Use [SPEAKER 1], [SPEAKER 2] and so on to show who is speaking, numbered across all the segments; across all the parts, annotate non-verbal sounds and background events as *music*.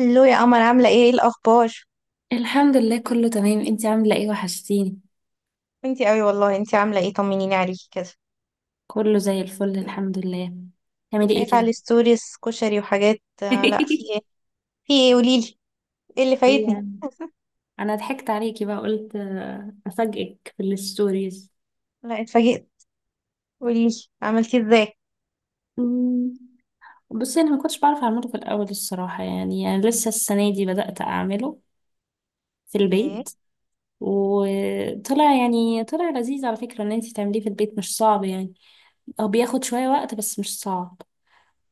[SPEAKER 1] الو يا قمر، عاملة ايه الأخبار؟
[SPEAKER 2] الحمد لله، كله تمام. انتي عاملة ايه؟ وحشتيني.
[SPEAKER 1] انتي قوي والله، انتي عاملة ايه، طمنيني عليكي كده.
[SPEAKER 2] كله زي الفل، الحمد لله. تعملي ايه
[SPEAKER 1] شايفة على
[SPEAKER 2] كده؟
[SPEAKER 1] الستوريز كشري وحاجات، لا، في ايه؟
[SPEAKER 2] *laughs*
[SPEAKER 1] في ايه قوليلي، ايه اللي فايتني؟
[SPEAKER 2] يعني انا ضحكت عليكي بقى قلت افاجئك في الستوريز.
[SPEAKER 1] لا، اتفاجئت. قوليلي، عملتي ازاي؟
[SPEAKER 2] أمم، بصي، انا ما كنتش بعرف اعمله في الاول الصراحة، يعني لسه السنة دي بدأت اعمله في
[SPEAKER 1] اوكي.
[SPEAKER 2] البيت. وطلع يعني طلع لذيذ على فكرة. ان انتي تعمليه في البيت مش صعب يعني، هو بياخد شوية وقت بس مش صعب.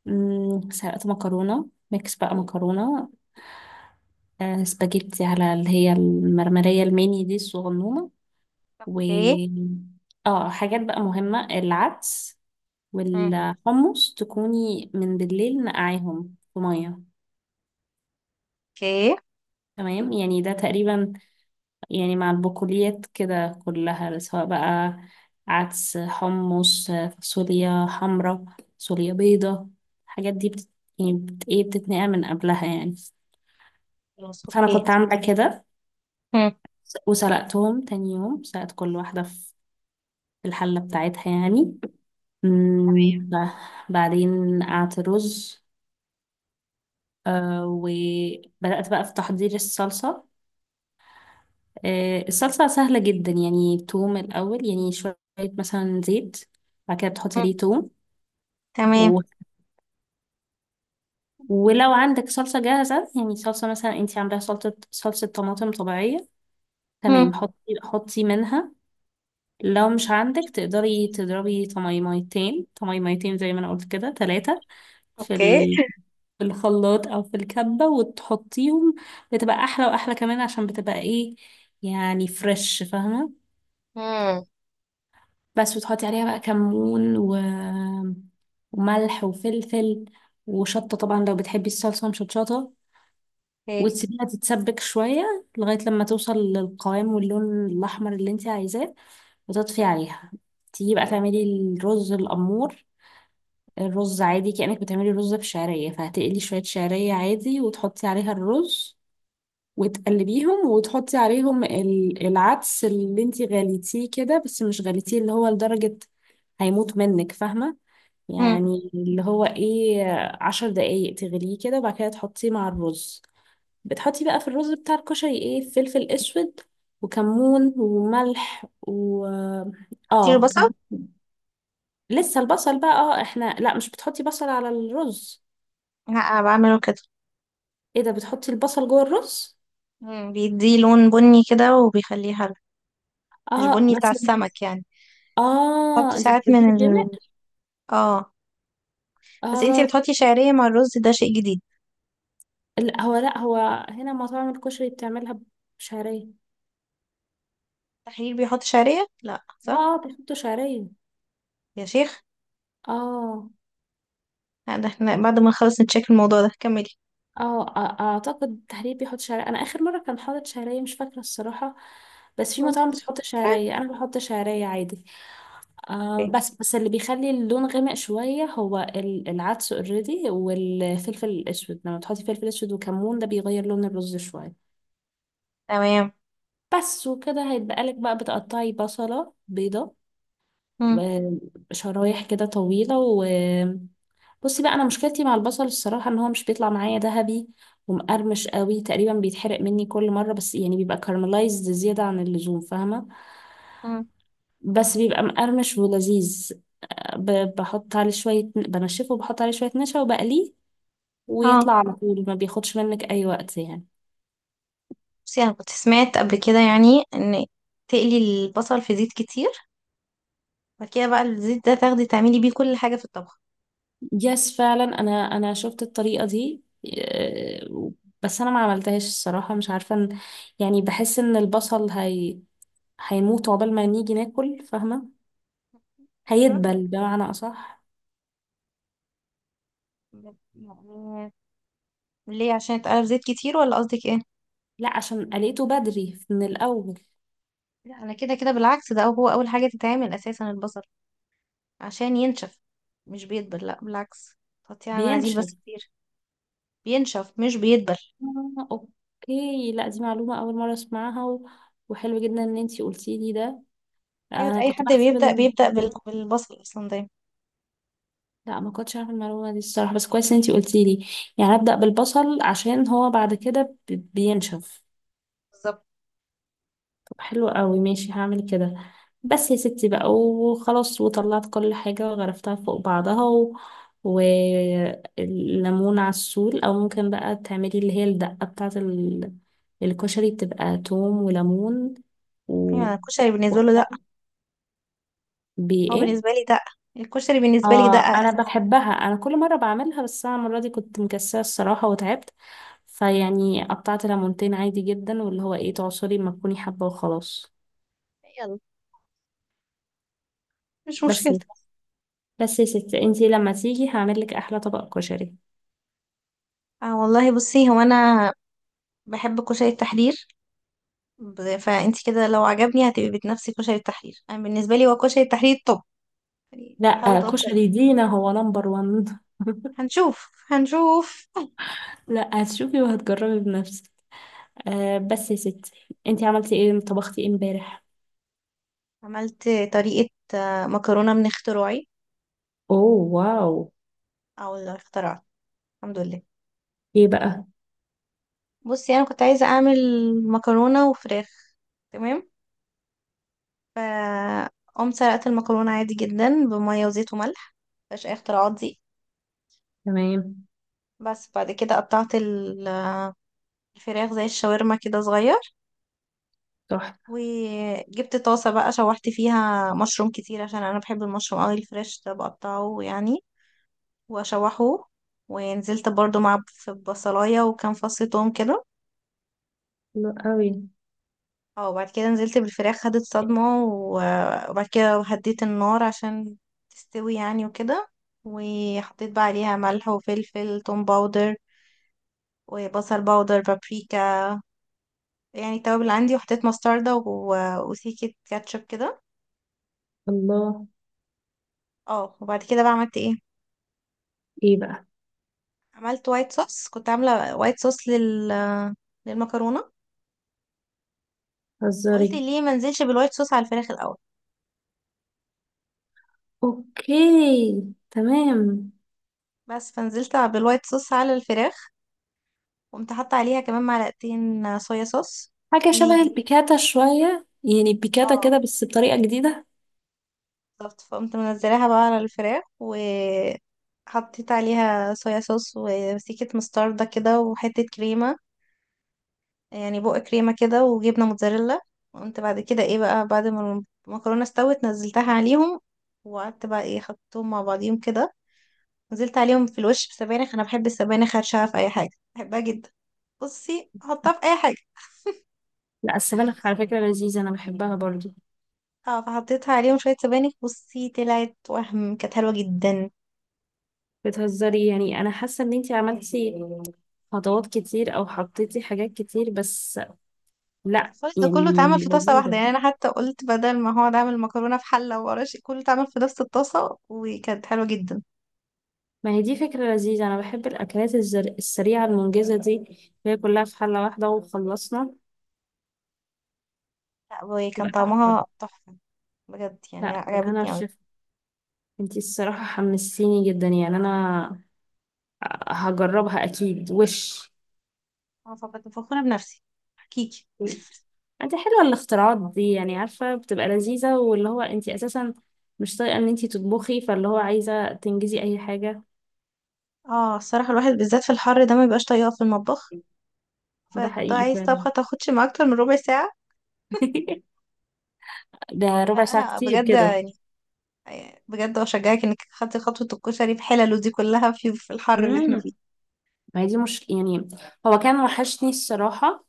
[SPEAKER 2] سلقت مكرونة ميكس، بقى مكرونة، سباجيتي، على اللي هي المرمرية الميني دي الصغنونة. و
[SPEAKER 1] اوكي.
[SPEAKER 2] اه حاجات بقى مهمة: العدس
[SPEAKER 1] مم.
[SPEAKER 2] والحمص تكوني من بالليل نقعيهم في مية.
[SPEAKER 1] اوكي.
[SPEAKER 2] تمام، يعني ده تقريبا، يعني مع البقوليات كده كلها سواء بقى: عدس، حمص، فاصوليا حمرا، فاصوليا بيضة. الحاجات دي بت... يعني بت... ايه بتتنقع من قبلها يعني.
[SPEAKER 1] خلاص،
[SPEAKER 2] فأنا
[SPEAKER 1] اوكي.
[SPEAKER 2] كنت عاملة كده،
[SPEAKER 1] مم.
[SPEAKER 2] وسلقتهم تاني يوم، سلقت كل واحدة في الحلة بتاعتها يعني. مم، ب- بعدين قعدت رز. وبدأت بقى في تحضير الصلصة. الصلصة سهلة جدا يعني، توم الأول، يعني شوية مثلا زيت، بعد كده بتحط
[SPEAKER 1] مم.
[SPEAKER 2] عليه توم
[SPEAKER 1] تمام.
[SPEAKER 2] و... ولو عندك صلصة جاهزة، يعني صلصة مثلا انتي عاملاها صلصة طماطم طبيعية، يعني
[SPEAKER 1] مم.
[SPEAKER 2] حطي حطي منها. لو مش عندك تقدري تضربي طميميتين طميميتين زي ما انا قلت كده ثلاثة، في
[SPEAKER 1] اوكي.
[SPEAKER 2] في الخلاط او في الكبة، وتحطيهم. بتبقى احلى، واحلى كمان عشان بتبقى ايه، يعني فريش، فاهمة؟
[SPEAKER 1] مم.
[SPEAKER 2] بس، وتحطي عليها بقى كمون وملح وفلفل وشطة، طبعا لو بتحبي الصلصة مشطشطة،
[SPEAKER 1] اوكي.
[SPEAKER 2] وتسيبيها تتسبك شوية لغاية لما توصل للقوام واللون الأحمر اللي انت عايزاه وتطفي عليها. تيجي بقى تعملي الرز الأمور الرز عادي، كأنك بتعملي رز بشعرية، فهتقلي شوية شعرية عادي وتحطي عليها الرز وتقلبيهم، وتحطي عليهم العدس اللي انتي غليتيه كده، بس مش غليتيه اللي هو لدرجة هيموت منك، فاهمة؟
[SPEAKER 1] مم.
[SPEAKER 2] يعني اللي هو ايه، 10 دقايق تغليه كده وبعد كده تحطيه مع الرز. بتحطي بقى في الرز بتاع الكشري ايه: فلفل اسود وكمون وملح و...
[SPEAKER 1] حطيله
[SPEAKER 2] اه،
[SPEAKER 1] بصل؟
[SPEAKER 2] لسه البصل بقى. اه احنا لا، مش بتحطي بصل على الرز.
[SPEAKER 1] لا، أنا بعمله كده.
[SPEAKER 2] ايه ده، بتحطي البصل جوه الرز؟
[SPEAKER 1] مم. بيديه لون بني كده وبيخليه حلو، مش
[SPEAKER 2] اه،
[SPEAKER 1] بني بتاع السمك يعني. حط
[SPEAKER 2] اه،
[SPEAKER 1] ساعات من ال، اه. بس انتي
[SPEAKER 2] اه.
[SPEAKER 1] بتحطي شعرية مع الرز، ده شيء جديد.
[SPEAKER 2] لا هو هنا مطاعم الكشري بتعملها بشعرية.
[SPEAKER 1] التحرير بيحط شعرية، لا صح؟
[SPEAKER 2] اه بيحطوا شعرية.
[SPEAKER 1] يا شيخ!
[SPEAKER 2] اه.
[SPEAKER 1] لا، ده احنا بعد ما نخلص نتشيك الموضوع ده. كملي.
[SPEAKER 2] اعتقد تحرير بيحط شعرية، انا اخر مرة كان حاطط شعرية مش فاكرة الصراحة، بس في مطاعم
[SPEAKER 1] ماشي.
[SPEAKER 2] بتحط شعرية، انا بحط شعرية عادي.
[SPEAKER 1] اوكي،
[SPEAKER 2] بس اللي بيخلي اللون غامق شوية هو العدس اوريدي، والفلفل الاسود. لما تحطي فلفل اسود وكمون ده بيغير لون الرز شوية.
[SPEAKER 1] تمام.
[SPEAKER 2] بس، وكده هيبقى لك بقى. بتقطعي بصلة بيضة
[SPEAKER 1] مم.
[SPEAKER 2] و- شرايح كده طويلة. بصي بقى، انا مشكلتي مع البصل الصراحه ان هو مش بيطلع معايا ذهبي ومقرمش قوي، تقريبا بيتحرق مني كل مره، بس يعني بيبقى كارملايزد زياده عن اللزوم فاهمه،
[SPEAKER 1] مم.
[SPEAKER 2] بس بيبقى مقرمش ولذيذ. بحط عليه شويه بنشفه، وبحط عليه شويه نشا وبقليه،
[SPEAKER 1] اه.
[SPEAKER 2] ويطلع على طول، ما بياخدش منك اي وقت يعني.
[SPEAKER 1] بصي، انا كنت سمعت قبل كده يعني، ان تقلي البصل في زيت كتير، بعد كده بقى الزيت ده تاخدي تعملي بيه كل حاجة في الطبخ.
[SPEAKER 2] يس فعلا، انا شفت الطريقه دي. آه، بس انا ما عملتهاش الصراحه، مش عارفه يعني بحس ان البصل هي هيموت عقبال ما نيجي ناكل، فاهمه؟
[SPEAKER 1] ايوه.
[SPEAKER 2] هيدبل بمعنى أصح.
[SPEAKER 1] يعني ليه، عشان اتقلب زيت كتير ولا قصدك ايه؟
[SPEAKER 2] لا، عشان لقيته بدري من الأول
[SPEAKER 1] لا، انا كده كده بالعكس، ده هو اول حاجة تتعمل اساسا البصل، عشان ينشف، مش بيدبل، لا بالعكس، تحطيه على المناديل
[SPEAKER 2] بينشف.
[SPEAKER 1] بس كتير. بينشف، مش بيدبل.
[SPEAKER 2] أوكي، لا دي معلومة أول مرة أسمعها وحلو جدا إن أنتي قلتي لي ده.
[SPEAKER 1] ايوه، ده
[SPEAKER 2] أنا
[SPEAKER 1] اي
[SPEAKER 2] كنت
[SPEAKER 1] حد بيبدأ بالبصل اصلا دايما.
[SPEAKER 2] لا، ما كنتش عارفة المعلومة دي الصراحة، بس كويس إن أنتي قلتي لي. يعني أبدأ بالبصل عشان هو بعد كده بينشف.
[SPEAKER 1] بالظبط.
[SPEAKER 2] حلو قوي، ماشي هعمل كده. بس يا ستي بقى، وخلاص وطلعت كل حاجة وغرفتها فوق بعضها والليمون على السول، او ممكن بقى تعملي اللي هي الدقة بتاعة الكشري. بتبقى توم وليمون،
[SPEAKER 1] ايوه، أنا الكشري بالنسبة له دقة، هو
[SPEAKER 2] وبإيه.
[SPEAKER 1] بالنسبة لي دقة، الكشري بالنسبة لي
[SPEAKER 2] اه،
[SPEAKER 1] دقة
[SPEAKER 2] انا
[SPEAKER 1] اساسا.
[SPEAKER 2] بحبها، انا كل مرة بعملها، بس انا المرة دي كنت مكسلة الصراحة وتعبت، فيعني قطعت ليمونتين عادي جدا، واللي هو ايه، تعصري ما تكوني حابة وخلاص.
[SPEAKER 1] يلا، مش مشكلة.
[SPEAKER 2] بس يا ستي، انتي لما تيجي هعملك احلى طبق كشري.
[SPEAKER 1] اه والله، بصي هو انا بحب كشري التحرير. فانت كده لو عجبني هتبقي بتنافسي كشري التحرير، انا بالنسبة لي هو كشري التحرير. طب يعني حاولي
[SPEAKER 2] لا،
[SPEAKER 1] تغطي عليه.
[SPEAKER 2] كشري دينا هو نمبر وان.
[SPEAKER 1] هنشوف هنشوف.
[SPEAKER 2] *laughs* لا، هتشوفي وهتجربي بنفسك. أه، بس يا ستي، انتي عملتي ايه؟ طبختي ايه امبارح؟
[SPEAKER 1] عملت طريقة مكرونة من اختراعي.
[SPEAKER 2] اوه، واو.
[SPEAKER 1] اه والله اخترعت، الحمد لله.
[SPEAKER 2] ايه بقى؟
[SPEAKER 1] بصي، انا كنت عايزه اعمل مكرونه وفراخ. تمام. ف قمت سلقت المكرونه عادي جدا بميه وزيت وملح، مفيهاش اي اختراعات دي.
[SPEAKER 2] تمام.
[SPEAKER 1] بس بعد كده قطعت الفراخ زي الشاورما كده صغير،
[SPEAKER 2] صح.
[SPEAKER 1] وجبت طاسه بقى شوحت فيها مشروم كتير عشان انا بحب المشروم قوي، الفريش ده بقطعه يعني واشوحه، ونزلت برضو في بصلايه وكام فص توم كده.
[SPEAKER 2] حلو قوي.
[SPEAKER 1] اه، وبعد كده نزلت بالفراخ، خدت صدمة وبعد كده هديت النار عشان تستوي يعني وكده، وحطيت بقى عليها ملح وفلفل، توم باودر وبصل باودر، بابريكا، يعني التوابل اللي عندي، وحطيت مستردة وسيكة كاتشب كده.
[SPEAKER 2] الله.
[SPEAKER 1] اه، وبعد كده بقى عملت ايه؟
[SPEAKER 2] ايه بقى؟
[SPEAKER 1] عملت وايت صوص، كنت عاملة وايت صوص للمكرونة، قلت
[SPEAKER 2] هزاري.
[SPEAKER 1] ليه ما نزلش بالوايت صوص على الفراخ الأول؟
[SPEAKER 2] اوكي، تمام.
[SPEAKER 1] بس فنزلت بالوايت صوص على الفراخ، قمت حاطة عليها كمان معلقتين صويا صوص.
[SPEAKER 2] حاجة
[SPEAKER 1] و
[SPEAKER 2] شبه البيكاتا شوية، يعني البيكاتا
[SPEAKER 1] اه،
[SPEAKER 2] كده بس بطريقة جديدة.
[SPEAKER 1] بالظبط، فقمت منزلاها بقى على الفراخ، وحطيت عليها صويا صوص وسيكة مستردة كده وحتة كريمة، يعني بق كريمة كده، وجبنة موتزاريلا. وقمت بعد كده ايه بقى بعد ما المكرونة استوت نزلتها عليهم، وقعدت بقى ايه، حطيتهم مع بعضيهم كده، نزلت عليهم في الوش بسبانخ، انا بحب السبانخ هرشها في اي حاجة، بحبها جدا، بصي حطها في اي حاجة.
[SPEAKER 2] لا، السبانخ على فكرة لذيذة، انا بحبها برضو.
[SPEAKER 1] اه، فحطيتها عليهم شوية سبانخ. بصي، طلعت وهم كانت حلوة جدا.
[SPEAKER 2] بتهزري؟ يعني انا حاسه ان انتي عملتي خطوات كتير، او حطيتي حاجات كتير، بس لا
[SPEAKER 1] الخالص ده
[SPEAKER 2] يعني.
[SPEAKER 1] كله اتعمل في طاسة واحدة يعني، أنا حتى قلت بدل ما هو عامل مكرونة في حلة وقراش، كله اتعمل في نفس الطاسة وكانت حلوة جدا.
[SPEAKER 2] ما هي دي فكره لذيذه، انا بحب الاكلات السريعه المنجزه دي، اللي هي كلها في حله واحده وخلصنا.
[SPEAKER 1] لا، وكان طعمها تحفة، بجد يعني،
[SPEAKER 2] لا، بالهنا
[SPEAKER 1] عجبتني أوي.
[SPEAKER 2] والشفا. انتي الصراحه حمستيني جدا، يعني انا هجربها اكيد وش.
[SPEAKER 1] أنا فكنت فخورة بنفسي، حقيقي.
[SPEAKER 2] انت حلوه الاختراعات دي، يعني عارفه بتبقى لذيذه، واللي هو انتي اساسا مش طايقه ان انتي تطبخي، فاللي هو عايزه تنجزي اي حاجه.
[SPEAKER 1] اه، الصراحة الواحد بالذات في الحر ده ما بيبقاش طايقة في المطبخ،
[SPEAKER 2] ده
[SPEAKER 1] فانت
[SPEAKER 2] حقيقي.
[SPEAKER 1] عايز طبخة تاخدش ما أكتر من ربع ساعة.
[SPEAKER 2] *laughs* ده ربع ساعة
[SPEAKER 1] فأنا
[SPEAKER 2] كتير
[SPEAKER 1] بجد
[SPEAKER 2] جدا.
[SPEAKER 1] يعني، بجد أشجعك إنك خدتي خطوة الكشري بحلله دي كلها في الحر اللي احنا فيه.
[SPEAKER 2] امم ما هي دي مش يعني، هو كان وحشني الصراحة.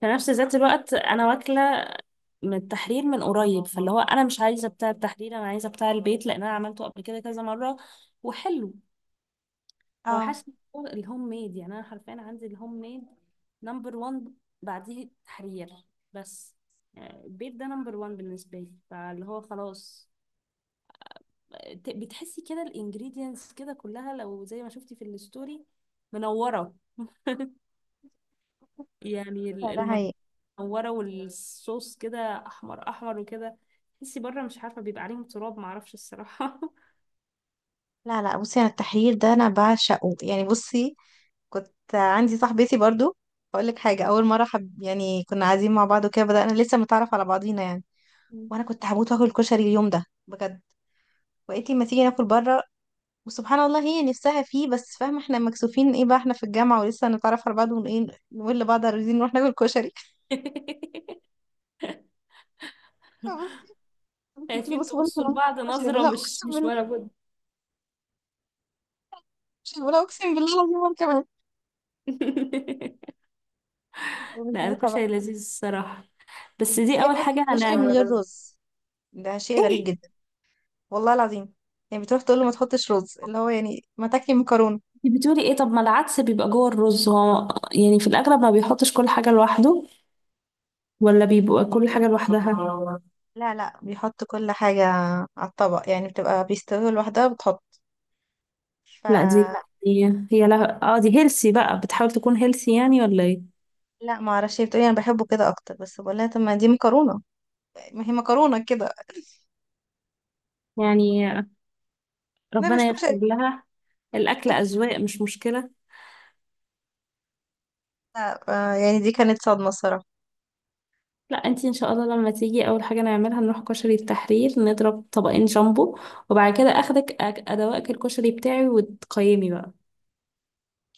[SPEAKER 2] في نفس ذات الوقت أنا واكلة من التحرير من قريب، فاللي هو أنا مش عايزة بتاع التحرير، أنا عايزة بتاع البيت، لأن أنا عملته قبل كده كذا مرة وحلو.
[SPEAKER 1] اه،
[SPEAKER 2] الهوم ميد يعني، أنا حرفيا عندي الهوم ميد نمبر وان، بعديه التحرير. بس يعني البيت ده نمبر وان بالنسبة لي، فاللي هو خلاص. بتحسي كده الانجريدينتس كده كلها، لو زي ما شفتي في الستوري منورة يعني،
[SPEAKER 1] فده حقيقي.
[SPEAKER 2] المكورة والصوص كده أحمر أحمر وكده، تحسي بره مش عارفة بيبقى عليهم تراب، معرفش الصراحة. *laughs*
[SPEAKER 1] لا لا، بصي انا التحرير ده انا بعشقه يعني. بصي، كنت عندي صاحبتي برضو، اقول لك حاجه، اول مره حب يعني، كنا قاعدين مع بعض وكده، بدانا لسه متعرف على بعضينا يعني،
[SPEAKER 2] مم.
[SPEAKER 1] وانا كنت هموت واكل كشري اليوم ده بجد، وقالت لي ما تيجي ناكل بره، وسبحان الله هي نفسها فيه. بس فاهمه احنا مكسوفين، ايه بقى احنا في الجامعه ولسه نتعرف على بعض، ونقول نقول لبعض عايزين نروح ناكل كشري. *laughs* فبصي، أنا كنت
[SPEAKER 2] شايفين
[SPEAKER 1] بص بقول لها
[SPEAKER 2] لبعض
[SPEAKER 1] كشري، بقول
[SPEAKER 2] نظرة،
[SPEAKER 1] لها
[SPEAKER 2] مش
[SPEAKER 1] اقسم
[SPEAKER 2] مش
[SPEAKER 1] بالله،
[SPEAKER 2] ولا بد.
[SPEAKER 1] كشري بقول لها اقسم بالله العظيم، وانا كمان.
[SPEAKER 2] *laughs*
[SPEAKER 1] *laughs* ومن
[SPEAKER 2] لا،
[SPEAKER 1] ساعتها بقى.
[SPEAKER 2] الكشري لذيذ الصراحة، بس
[SPEAKER 1] بس
[SPEAKER 2] دي
[SPEAKER 1] هي
[SPEAKER 2] أول
[SPEAKER 1] بتاكل
[SPEAKER 2] حاجة أنا.
[SPEAKER 1] كشري من غير رز، ده شيء غريب جدا، والله العظيم. يعني بتروح تقول له ما تحطش رز، اللي هو يعني ما تاكلي مكرونه.
[SPEAKER 2] إيه بتقولي إيه؟ طب ما العدس بيبقى جوه الرز، هو يعني في الأغلب ما بيحطش كل حاجة لوحده، ولا بيبقى كل حاجة لوحدها.
[SPEAKER 1] لا لا، بيحط كل حاجه على الطبق يعني، بتبقى بيستوي لوحدها بتحط. ف
[SPEAKER 2] لا دي
[SPEAKER 1] لا.
[SPEAKER 2] هي هي لها. اه دي هيلسي بقى، بتحاول تكون هيلسي يعني ولا ايه؟
[SPEAKER 1] لا ما اعرفش، هي بتقولي انا بحبه كده اكتر، بس بقول لها طب ما دي مكرونه، ما هي مكرونه كده.
[SPEAKER 2] يعني
[SPEAKER 1] *laughs* ده مش
[SPEAKER 2] ربنا يغفر
[SPEAKER 1] كشري.
[SPEAKER 2] لها. الأكل أذواق، مش مشكلة.
[SPEAKER 1] لا يعني دي كانت صدمه الصراحه.
[SPEAKER 2] لا، انتي ان شاء الله لما تيجي اول حاجة نعملها نروح كشري التحرير نضرب طبقين جامبو، وبعد كده اخدك ادوقك الكشري بتاعي وتقيمي بقى.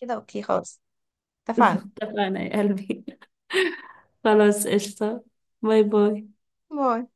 [SPEAKER 1] كده اوكي، خلاص، اتفقنا.
[SPEAKER 2] اتفقنا يا قلبي. *laughs* خلاص، قشطة. باي باي.
[SPEAKER 1] باي.